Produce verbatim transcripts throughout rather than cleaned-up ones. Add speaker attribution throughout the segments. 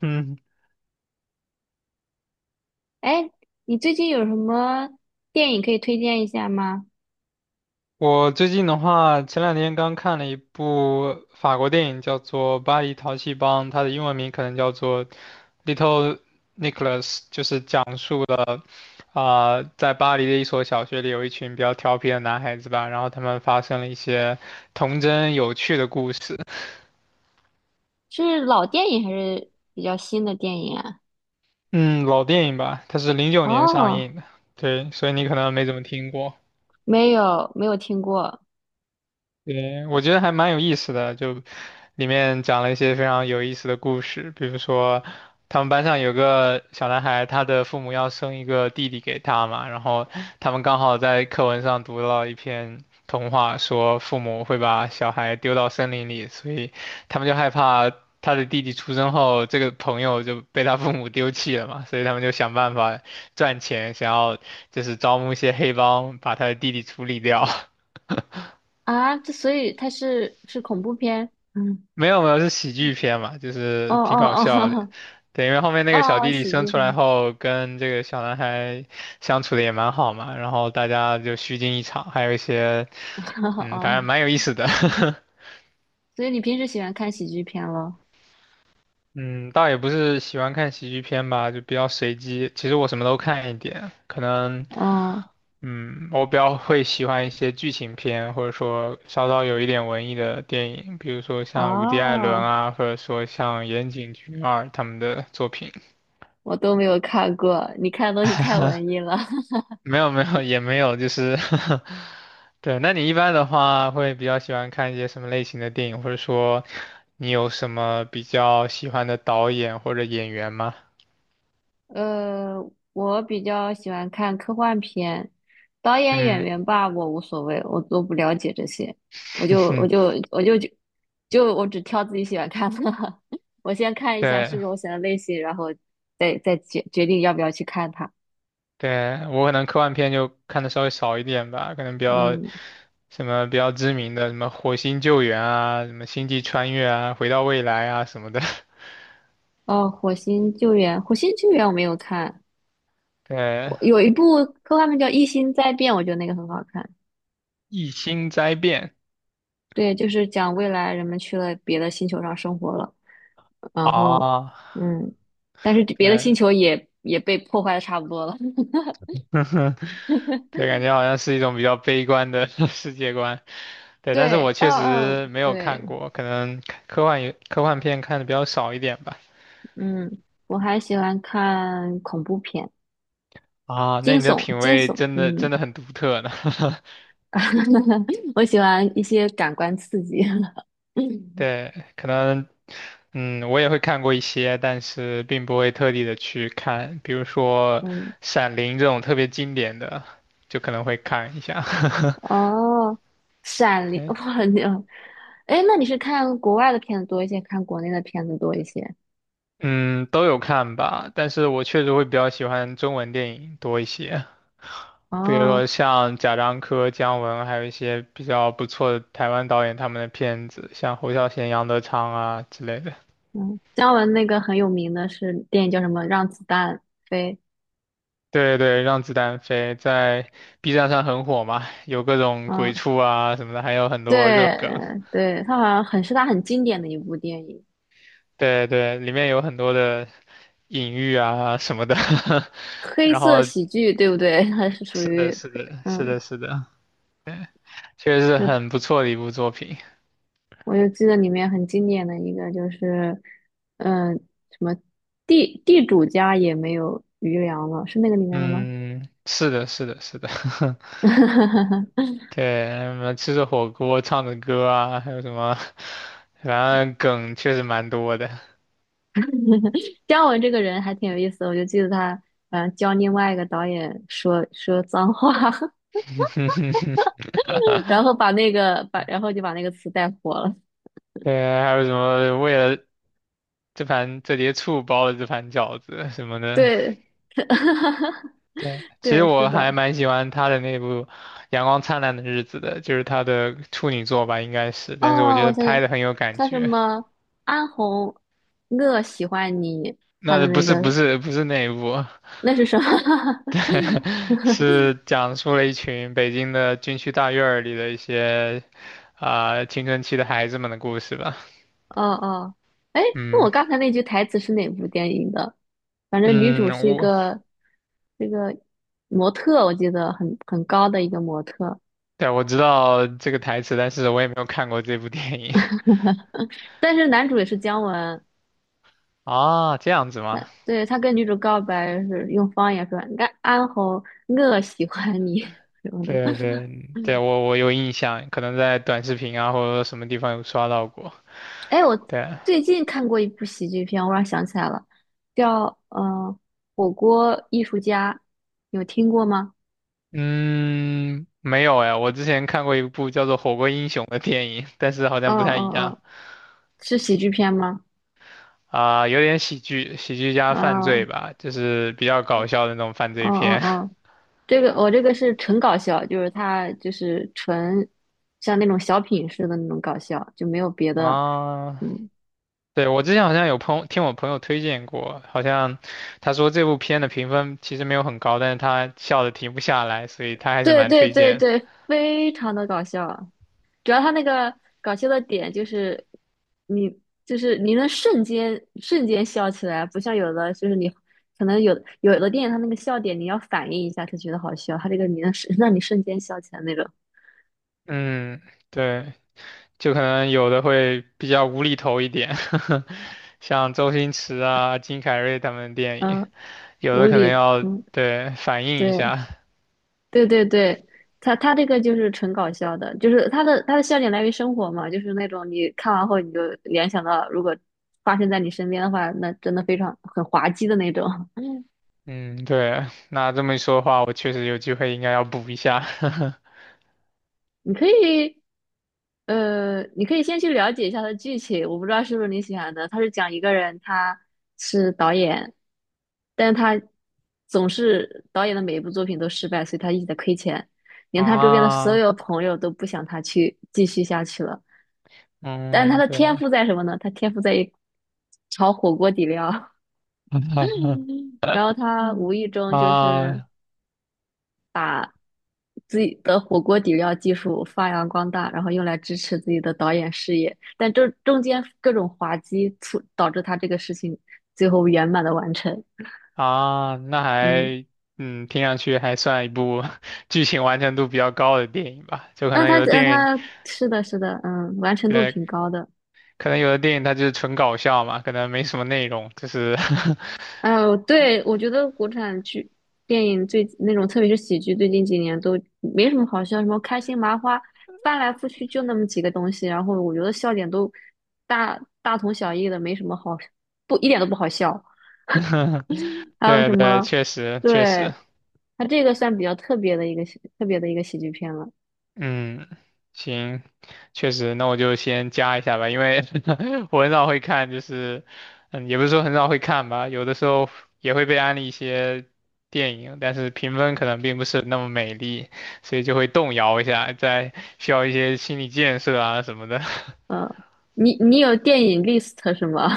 Speaker 1: 嗯，
Speaker 2: 哎，你最近有什么电影可以推荐一下吗？
Speaker 1: 我最近的话，前两天刚看了一部法国电影，叫做《巴黎淘气帮》，它的英文名可能叫做《Little Nicholas》，就是讲述了啊、在巴黎的一所小学里有一群比较调皮的男孩子吧，然后他们发生了一些童真有趣的故事。
Speaker 2: 是老电影还是比较新的电影啊？
Speaker 1: 嗯，老电影吧，它是零九年上
Speaker 2: 哦，
Speaker 1: 映的，对，所以你可能没怎么听过。
Speaker 2: 没有，没有听过
Speaker 1: 对，我觉得还蛮有意思的，就里面讲了一些非常有意思的故事，比如说他们班上有个小男孩，他的父母要生一个弟弟给他嘛，然后他们刚好在课文上读到一篇童话，说父母会把小孩丢到森林里，所以他们就害怕他的弟弟出生后，这个朋友就被他父母丢弃了嘛，所以他们就想办法赚钱，想要就是招募一些黑帮把他的弟弟处理掉。
Speaker 2: 啊。这所以它是是恐怖片？嗯，
Speaker 1: 没有没有，是喜剧片嘛，就
Speaker 2: 哦
Speaker 1: 是挺搞
Speaker 2: 哦
Speaker 1: 笑的。
Speaker 2: 哦
Speaker 1: 对，因为后面 那个小
Speaker 2: 哦，
Speaker 1: 弟弟
Speaker 2: 喜
Speaker 1: 生
Speaker 2: 剧
Speaker 1: 出来
Speaker 2: 片。
Speaker 1: 后，跟这个小男孩相处的也蛮好嘛，然后大家就虚惊一场，还有一些，嗯，反正
Speaker 2: 哦，
Speaker 1: 蛮有意思的。
Speaker 2: 所以你平时喜欢看喜剧片咯？
Speaker 1: 嗯，倒也不是喜欢看喜剧片吧，就比较随机。其实我什么都看一点，可能，
Speaker 2: 哦
Speaker 1: 嗯，我比较会喜欢一些剧情片，或者说稍稍有一点文艺的电影，比如说像伍迪·艾伦
Speaker 2: 哦，
Speaker 1: 啊，或者说像岩井俊二他们的作品。
Speaker 2: 我都没有看过，你看的东西太文艺了。
Speaker 1: 没有没有也没有，就是 对。那你一般的话会比较喜欢看一些什么类型的电影，或者说你有什么比较喜欢的导演或者演员吗？
Speaker 2: 呃，我比较喜欢看科幻片，导演演
Speaker 1: 嗯，
Speaker 2: 员吧，我无所谓，我都不了解这些，我就我就 我就就就我只挑自己喜欢看的，我先看一下是
Speaker 1: 对。
Speaker 2: 不是我喜欢的类型，然后再再决决定要不要去看它。
Speaker 1: 对，我可能科幻片就看的稍微少一点吧，可能比较
Speaker 2: 嗯，
Speaker 1: 什么比较知名的，什么火星救援啊，什么星际穿越啊，回到未来啊什么的。
Speaker 2: 哦，《火星救援》，《火星救援》我没有看，
Speaker 1: 对，
Speaker 2: 我有一部科幻片叫《异星灾变》，我觉得那个很好看。
Speaker 1: 异星灾变
Speaker 2: 对，就是讲未来人们去了别的星球上生活了。然后，
Speaker 1: 啊，
Speaker 2: 嗯，但是别的
Speaker 1: 对，
Speaker 2: 星球也也被破坏的差不多了。
Speaker 1: 对，感觉好像是一种比较悲观的 世界观。对，但是我
Speaker 2: 对，
Speaker 1: 确
Speaker 2: 嗯、
Speaker 1: 实
Speaker 2: 嗯、
Speaker 1: 没有
Speaker 2: 对，
Speaker 1: 看过，可能科幻也科幻片看的比较少一点吧。
Speaker 2: 嗯，我还喜欢看恐怖片，
Speaker 1: 啊，那
Speaker 2: 惊
Speaker 1: 你的
Speaker 2: 悚，
Speaker 1: 品
Speaker 2: 惊
Speaker 1: 味
Speaker 2: 悚，
Speaker 1: 真的
Speaker 2: 嗯，
Speaker 1: 真的很独特呢。
Speaker 2: 我喜欢一些感官刺激。嗯
Speaker 1: 对，可能，嗯，我也会看过一些，但是并不会特地的去看，比如说
Speaker 2: 嗯，
Speaker 1: 《闪灵》这种特别经典的，就可能会看一下。
Speaker 2: 哦，《闪灵》
Speaker 1: 对，
Speaker 2: 哇，你，哎，那你是看国外的片子多一些，看国内的片子多一些？
Speaker 1: 嗯，都有看吧，但是我确实会比较喜欢中文电影多一些，比如
Speaker 2: 哦，
Speaker 1: 说像贾樟柯、姜文，还有一些比较不错的台湾导演他们的片子，像侯孝贤、杨德昌啊之类的。
Speaker 2: 嗯，姜文那个很有名的是电影叫什么《让子弹飞》，
Speaker 1: 对对，让子弹飞在 B 站上很火嘛，有各种鬼
Speaker 2: 嗯。
Speaker 1: 畜啊什么的，还有很多热
Speaker 2: 对
Speaker 1: 梗。
Speaker 2: 对，他好像很是他很经典的一部电影，
Speaker 1: 对对，里面有很多的隐喻啊什么的。
Speaker 2: 黑
Speaker 1: 然
Speaker 2: 色
Speaker 1: 后是
Speaker 2: 喜剧，对不对？他是属于
Speaker 1: 的，是
Speaker 2: 黑，
Speaker 1: 的，是
Speaker 2: 嗯，
Speaker 1: 的，是的，确实是
Speaker 2: 是，
Speaker 1: 很不错的一部作品。
Speaker 2: 我就记得里面很经典的一个就是，嗯，什么地地主家也没有余粮了，是那个里面的吗？
Speaker 1: 嗯，是的，是的，是的。对，什么吃着火锅唱着歌啊，还有什么，反正梗确实蛮多的。
Speaker 2: 姜文这个人还挺有意思的，我就记得他，嗯，教另外一个导演说说脏话，然后把那个把，然后就把那个词带火了。
Speaker 1: 对，还有什么为了这盘折叠醋包的这盘饺子什么的。
Speaker 2: 对，
Speaker 1: 对，其实
Speaker 2: 对，是
Speaker 1: 我还
Speaker 2: 的。
Speaker 1: 蛮喜欢他的那部《阳光灿烂的日子》的，就是他的处女作吧，应该是，但是我
Speaker 2: 哦，
Speaker 1: 觉
Speaker 2: 我
Speaker 1: 得
Speaker 2: 想
Speaker 1: 拍
Speaker 2: 想，
Speaker 1: 的很有感
Speaker 2: 叫什
Speaker 1: 觉。
Speaker 2: 么？安红，我喜欢你，他
Speaker 1: 那
Speaker 2: 的
Speaker 1: 不
Speaker 2: 那
Speaker 1: 是不
Speaker 2: 个
Speaker 1: 是不是那一部，
Speaker 2: 那是什么？
Speaker 1: 对，是讲述了一群北京的军区大院儿里的一些啊、呃青春期的孩子们的故事吧。
Speaker 2: 哦哦，哎，那我
Speaker 1: 嗯
Speaker 2: 刚才那句台词是哪部电影的？反正女
Speaker 1: 嗯，
Speaker 2: 主是一
Speaker 1: 我
Speaker 2: 个这个模特，我记得很很高的一个模特，
Speaker 1: 对我知道这个台词，但是我也没有看过这部电影
Speaker 2: 但是男主也是姜文，
Speaker 1: 啊，这样子吗？
Speaker 2: 对，他跟女主告白是用方言说安安红，我喜欢你 什么的。
Speaker 1: 对对对，我我有印象，可能在短视频啊或者什么地方有刷到过。
Speaker 2: 哎，我
Speaker 1: 对，
Speaker 2: 最近看过一部喜剧片，我突然想起来了，叫嗯火锅艺术家》，有听过吗？
Speaker 1: 嗯，没有哎，我之前看过一部叫做《火锅英雄》的电影，但是好
Speaker 2: 哦
Speaker 1: 像不太
Speaker 2: 哦
Speaker 1: 一样
Speaker 2: 哦，是喜剧片吗？
Speaker 1: 啊，有点喜剧，喜剧加犯罪
Speaker 2: 哦
Speaker 1: 吧，就是比较搞笑的那种犯
Speaker 2: 哦
Speaker 1: 罪
Speaker 2: 哦
Speaker 1: 片
Speaker 2: 哦，这个我、这个是纯搞笑，就是它就是纯像那种小品似的那种搞笑，就没有别 的，
Speaker 1: 啊。
Speaker 2: 嗯，
Speaker 1: 对，我之前好像有朋听我朋友推荐过，好像他说这部片的评分其实没有很高，但是他笑的停不下来，所以他还是
Speaker 2: 对
Speaker 1: 蛮
Speaker 2: 对
Speaker 1: 推
Speaker 2: 对
Speaker 1: 荐的。
Speaker 2: 对，非常的搞笑，主要他那个搞笑的点就是你就是你能瞬间瞬间笑起来，不像有的就是你可能有有的电影它那个笑点你要反应一下才觉得好笑，它这个你能瞬 让你瞬间笑起来那种，
Speaker 1: 嗯，对。就可能有的会比较无厘头一点，像周星驰啊、金凯瑞他们的电影，
Speaker 2: 嗯，
Speaker 1: 有
Speaker 2: 无
Speaker 1: 的可能
Speaker 2: 厘，
Speaker 1: 要
Speaker 2: 嗯，
Speaker 1: 对反映一
Speaker 2: 对
Speaker 1: 下。
Speaker 2: 对对对，他他这个就是纯搞笑的，就是他的他的笑点来源于生活嘛，就是那种你看完后你就联想到如果发生在你身边的话，那真的非常很滑稽的那种，
Speaker 1: 嗯，对，那这么一说的话，我确实有机会应该要补一下。
Speaker 2: 你可以，呃，你可以先去了解一下它的剧情，我不知道是不是你喜欢的。它是讲一个人，他是导演，但他总是导演的每一部作品都失败，所以他一直在亏钱，连他周边的所
Speaker 1: 啊，
Speaker 2: 有朋友都不想他去继续下去了。但是他
Speaker 1: 嗯，
Speaker 2: 的天
Speaker 1: 对，
Speaker 2: 赋在什么呢？他天赋在于炒火锅底料，
Speaker 1: 嗯
Speaker 2: 然后他无意中就是。
Speaker 1: 啊
Speaker 2: 自己的火锅底料技术发扬光大，然后用来支持自己的导演事业。但这中间各种滑稽促导致他这个事情最后圆满的完成。
Speaker 1: 啊，那
Speaker 2: 嗯，
Speaker 1: 还嗯，听上去还算一部 剧情完成度比较高的电影吧，就可
Speaker 2: 那
Speaker 1: 能
Speaker 2: 他
Speaker 1: 有的
Speaker 2: 那
Speaker 1: 电影。
Speaker 2: 他是的是的，嗯，完成度
Speaker 1: 对，
Speaker 2: 挺高的。
Speaker 1: 可能有的电影它就是纯搞笑嘛，可能没什么内容，就是
Speaker 2: 哎呦，对，我觉得国产剧电影最那种，特别是喜剧，最近几年都没什么好笑，什么开心麻花，翻来覆去就那么几个东西，然后我觉得笑点都大大同小异的，没什么好，不一点都不好笑。还有
Speaker 1: 对
Speaker 2: 什
Speaker 1: 对，
Speaker 2: 么？
Speaker 1: 确实确实，
Speaker 2: 对，它这个算比较特别的一个喜特别的一个喜剧片了。
Speaker 1: 嗯，行，确实，那我就先加一下吧，因为 我很少会看，就是，嗯，也不是说很少会看吧，有的时候也会被安利一些电影，但是评分可能并不是那么美丽，所以就会动摇一下，在需要一些心理建设啊什么的。
Speaker 2: 嗯，你你有电影 list 是吗？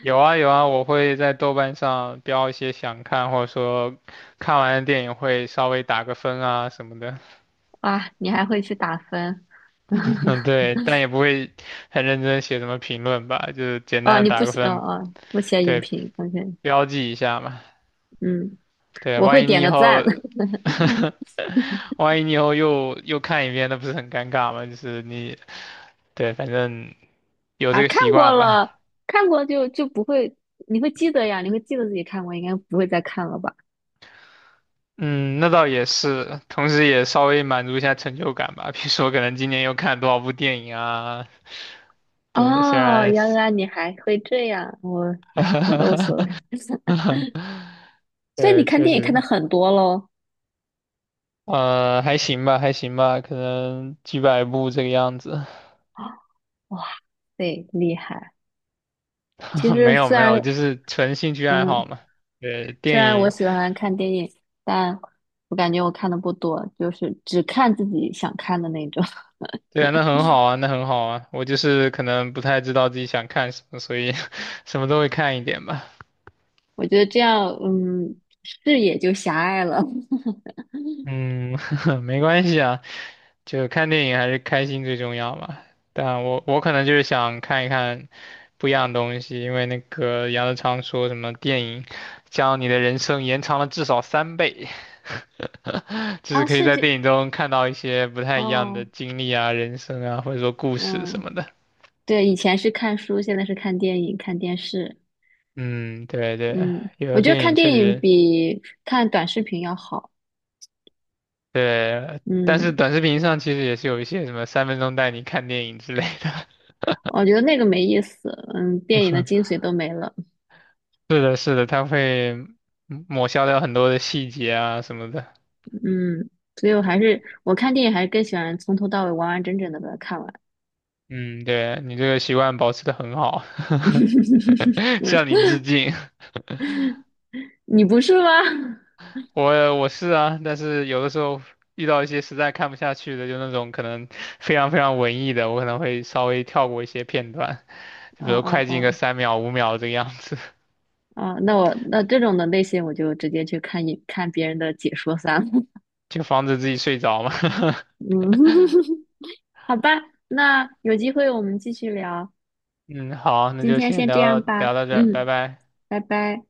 Speaker 1: 有啊有啊，我会在豆瓣上标一些想看，或者说看完的电影会稍微打个分啊什么的。
Speaker 2: 啊，你还会去打分？
Speaker 1: 嗯，对，但也不会很认真写什么评论吧，就是简
Speaker 2: 哦，
Speaker 1: 单的
Speaker 2: 你不
Speaker 1: 打个
Speaker 2: 写，哦
Speaker 1: 分，
Speaker 2: 哦，不写影
Speaker 1: 对，
Speaker 2: 评，OK，
Speaker 1: 标记一下嘛。
Speaker 2: 嗯，
Speaker 1: 对，
Speaker 2: 我
Speaker 1: 万
Speaker 2: 会
Speaker 1: 一你
Speaker 2: 点
Speaker 1: 以
Speaker 2: 个
Speaker 1: 后，
Speaker 2: 赞
Speaker 1: 万一你以后又又看一遍，那不是很尴尬吗？就是你，对，反正 有
Speaker 2: 啊，
Speaker 1: 这个
Speaker 2: 看
Speaker 1: 习
Speaker 2: 过
Speaker 1: 惯
Speaker 2: 了，
Speaker 1: 吧。
Speaker 2: 看过就就不会，你会记得呀，你会记得自己看过，应该不会再看了吧？
Speaker 1: 嗯，那倒也是，同时也稍微满足一下成就感吧。比如说，可能今年又看了多少部电影啊？对，虽
Speaker 2: 哦，
Speaker 1: 然，
Speaker 2: 原来你还会这样，我，哎，我都无所 谓，所以你
Speaker 1: 对，
Speaker 2: 看
Speaker 1: 确
Speaker 2: 电影看的
Speaker 1: 实，
Speaker 2: 很多喽。
Speaker 1: 呃，还行吧，还行吧，可能几百部这个样子。
Speaker 2: 哇对，厉害！其 实
Speaker 1: 没有
Speaker 2: 虽
Speaker 1: 没有，
Speaker 2: 然，
Speaker 1: 就是纯兴趣爱好
Speaker 2: 嗯，
Speaker 1: 嘛。对，
Speaker 2: 虽
Speaker 1: 电
Speaker 2: 然我
Speaker 1: 影，
Speaker 2: 喜欢看电影，但我感觉我看的不多，就是只看自己想看的那种。
Speaker 1: 对啊，那很好啊，那很好啊。我就是可能不太知道自己想看什么，所以 什么都会看一点吧。
Speaker 2: 我觉得这样，嗯，视野就狭隘了。
Speaker 1: 嗯，没关系啊。就看电影还是开心最重要嘛。但我我可能就是想看一看不一样的东西，因为那个杨德昌说什么电影将你的人生延长了至少三倍，就是
Speaker 2: 啊，
Speaker 1: 可以
Speaker 2: 是
Speaker 1: 在
Speaker 2: 这，
Speaker 1: 电影中看到一些不太一样的
Speaker 2: 哦，
Speaker 1: 经历啊、人生啊，或者说故事什
Speaker 2: 嗯，
Speaker 1: 么的。
Speaker 2: 对，以前是看书，现在是看电影、看电视。
Speaker 1: 嗯，对对，
Speaker 2: 嗯，
Speaker 1: 有
Speaker 2: 我
Speaker 1: 的
Speaker 2: 觉得
Speaker 1: 电
Speaker 2: 看
Speaker 1: 影确
Speaker 2: 电影
Speaker 1: 实
Speaker 2: 比看短视频要好。
Speaker 1: 对，但是
Speaker 2: 嗯，
Speaker 1: 短视频上其实也是有一些什么三分钟带你看电影之类的。
Speaker 2: 我觉得那个没意思。嗯，电影的精 髓都没了。
Speaker 1: 是的，是的，它会嗯抹消掉很多的细节啊什么的。
Speaker 2: 嗯，所以我还是我看电影还是更喜欢从头到尾完完整整的把它看完。
Speaker 1: 嗯，对，你这个习惯保持的很好，向你 致敬。
Speaker 2: 你不是吗？
Speaker 1: 我我是啊，但是有的时候遇到一些实在看不下去的，就那种可能非常非常文艺的，我可能会稍微跳过一些片段，就
Speaker 2: 哦
Speaker 1: 比如
Speaker 2: 哦
Speaker 1: 快进个
Speaker 2: 哦
Speaker 1: 三秒五秒这个样子，
Speaker 2: 哦，那我那这种的类型我就直接去看一看别人的解说算了。
Speaker 1: 就防止自己睡着嘛。
Speaker 2: 嗯，好吧，那有机会我们继续聊，
Speaker 1: 嗯，好，那
Speaker 2: 今
Speaker 1: 就
Speaker 2: 天
Speaker 1: 先
Speaker 2: 先这样
Speaker 1: 聊到
Speaker 2: 吧。
Speaker 1: 聊到这儿，拜
Speaker 2: 嗯，
Speaker 1: 拜。
Speaker 2: 拜拜。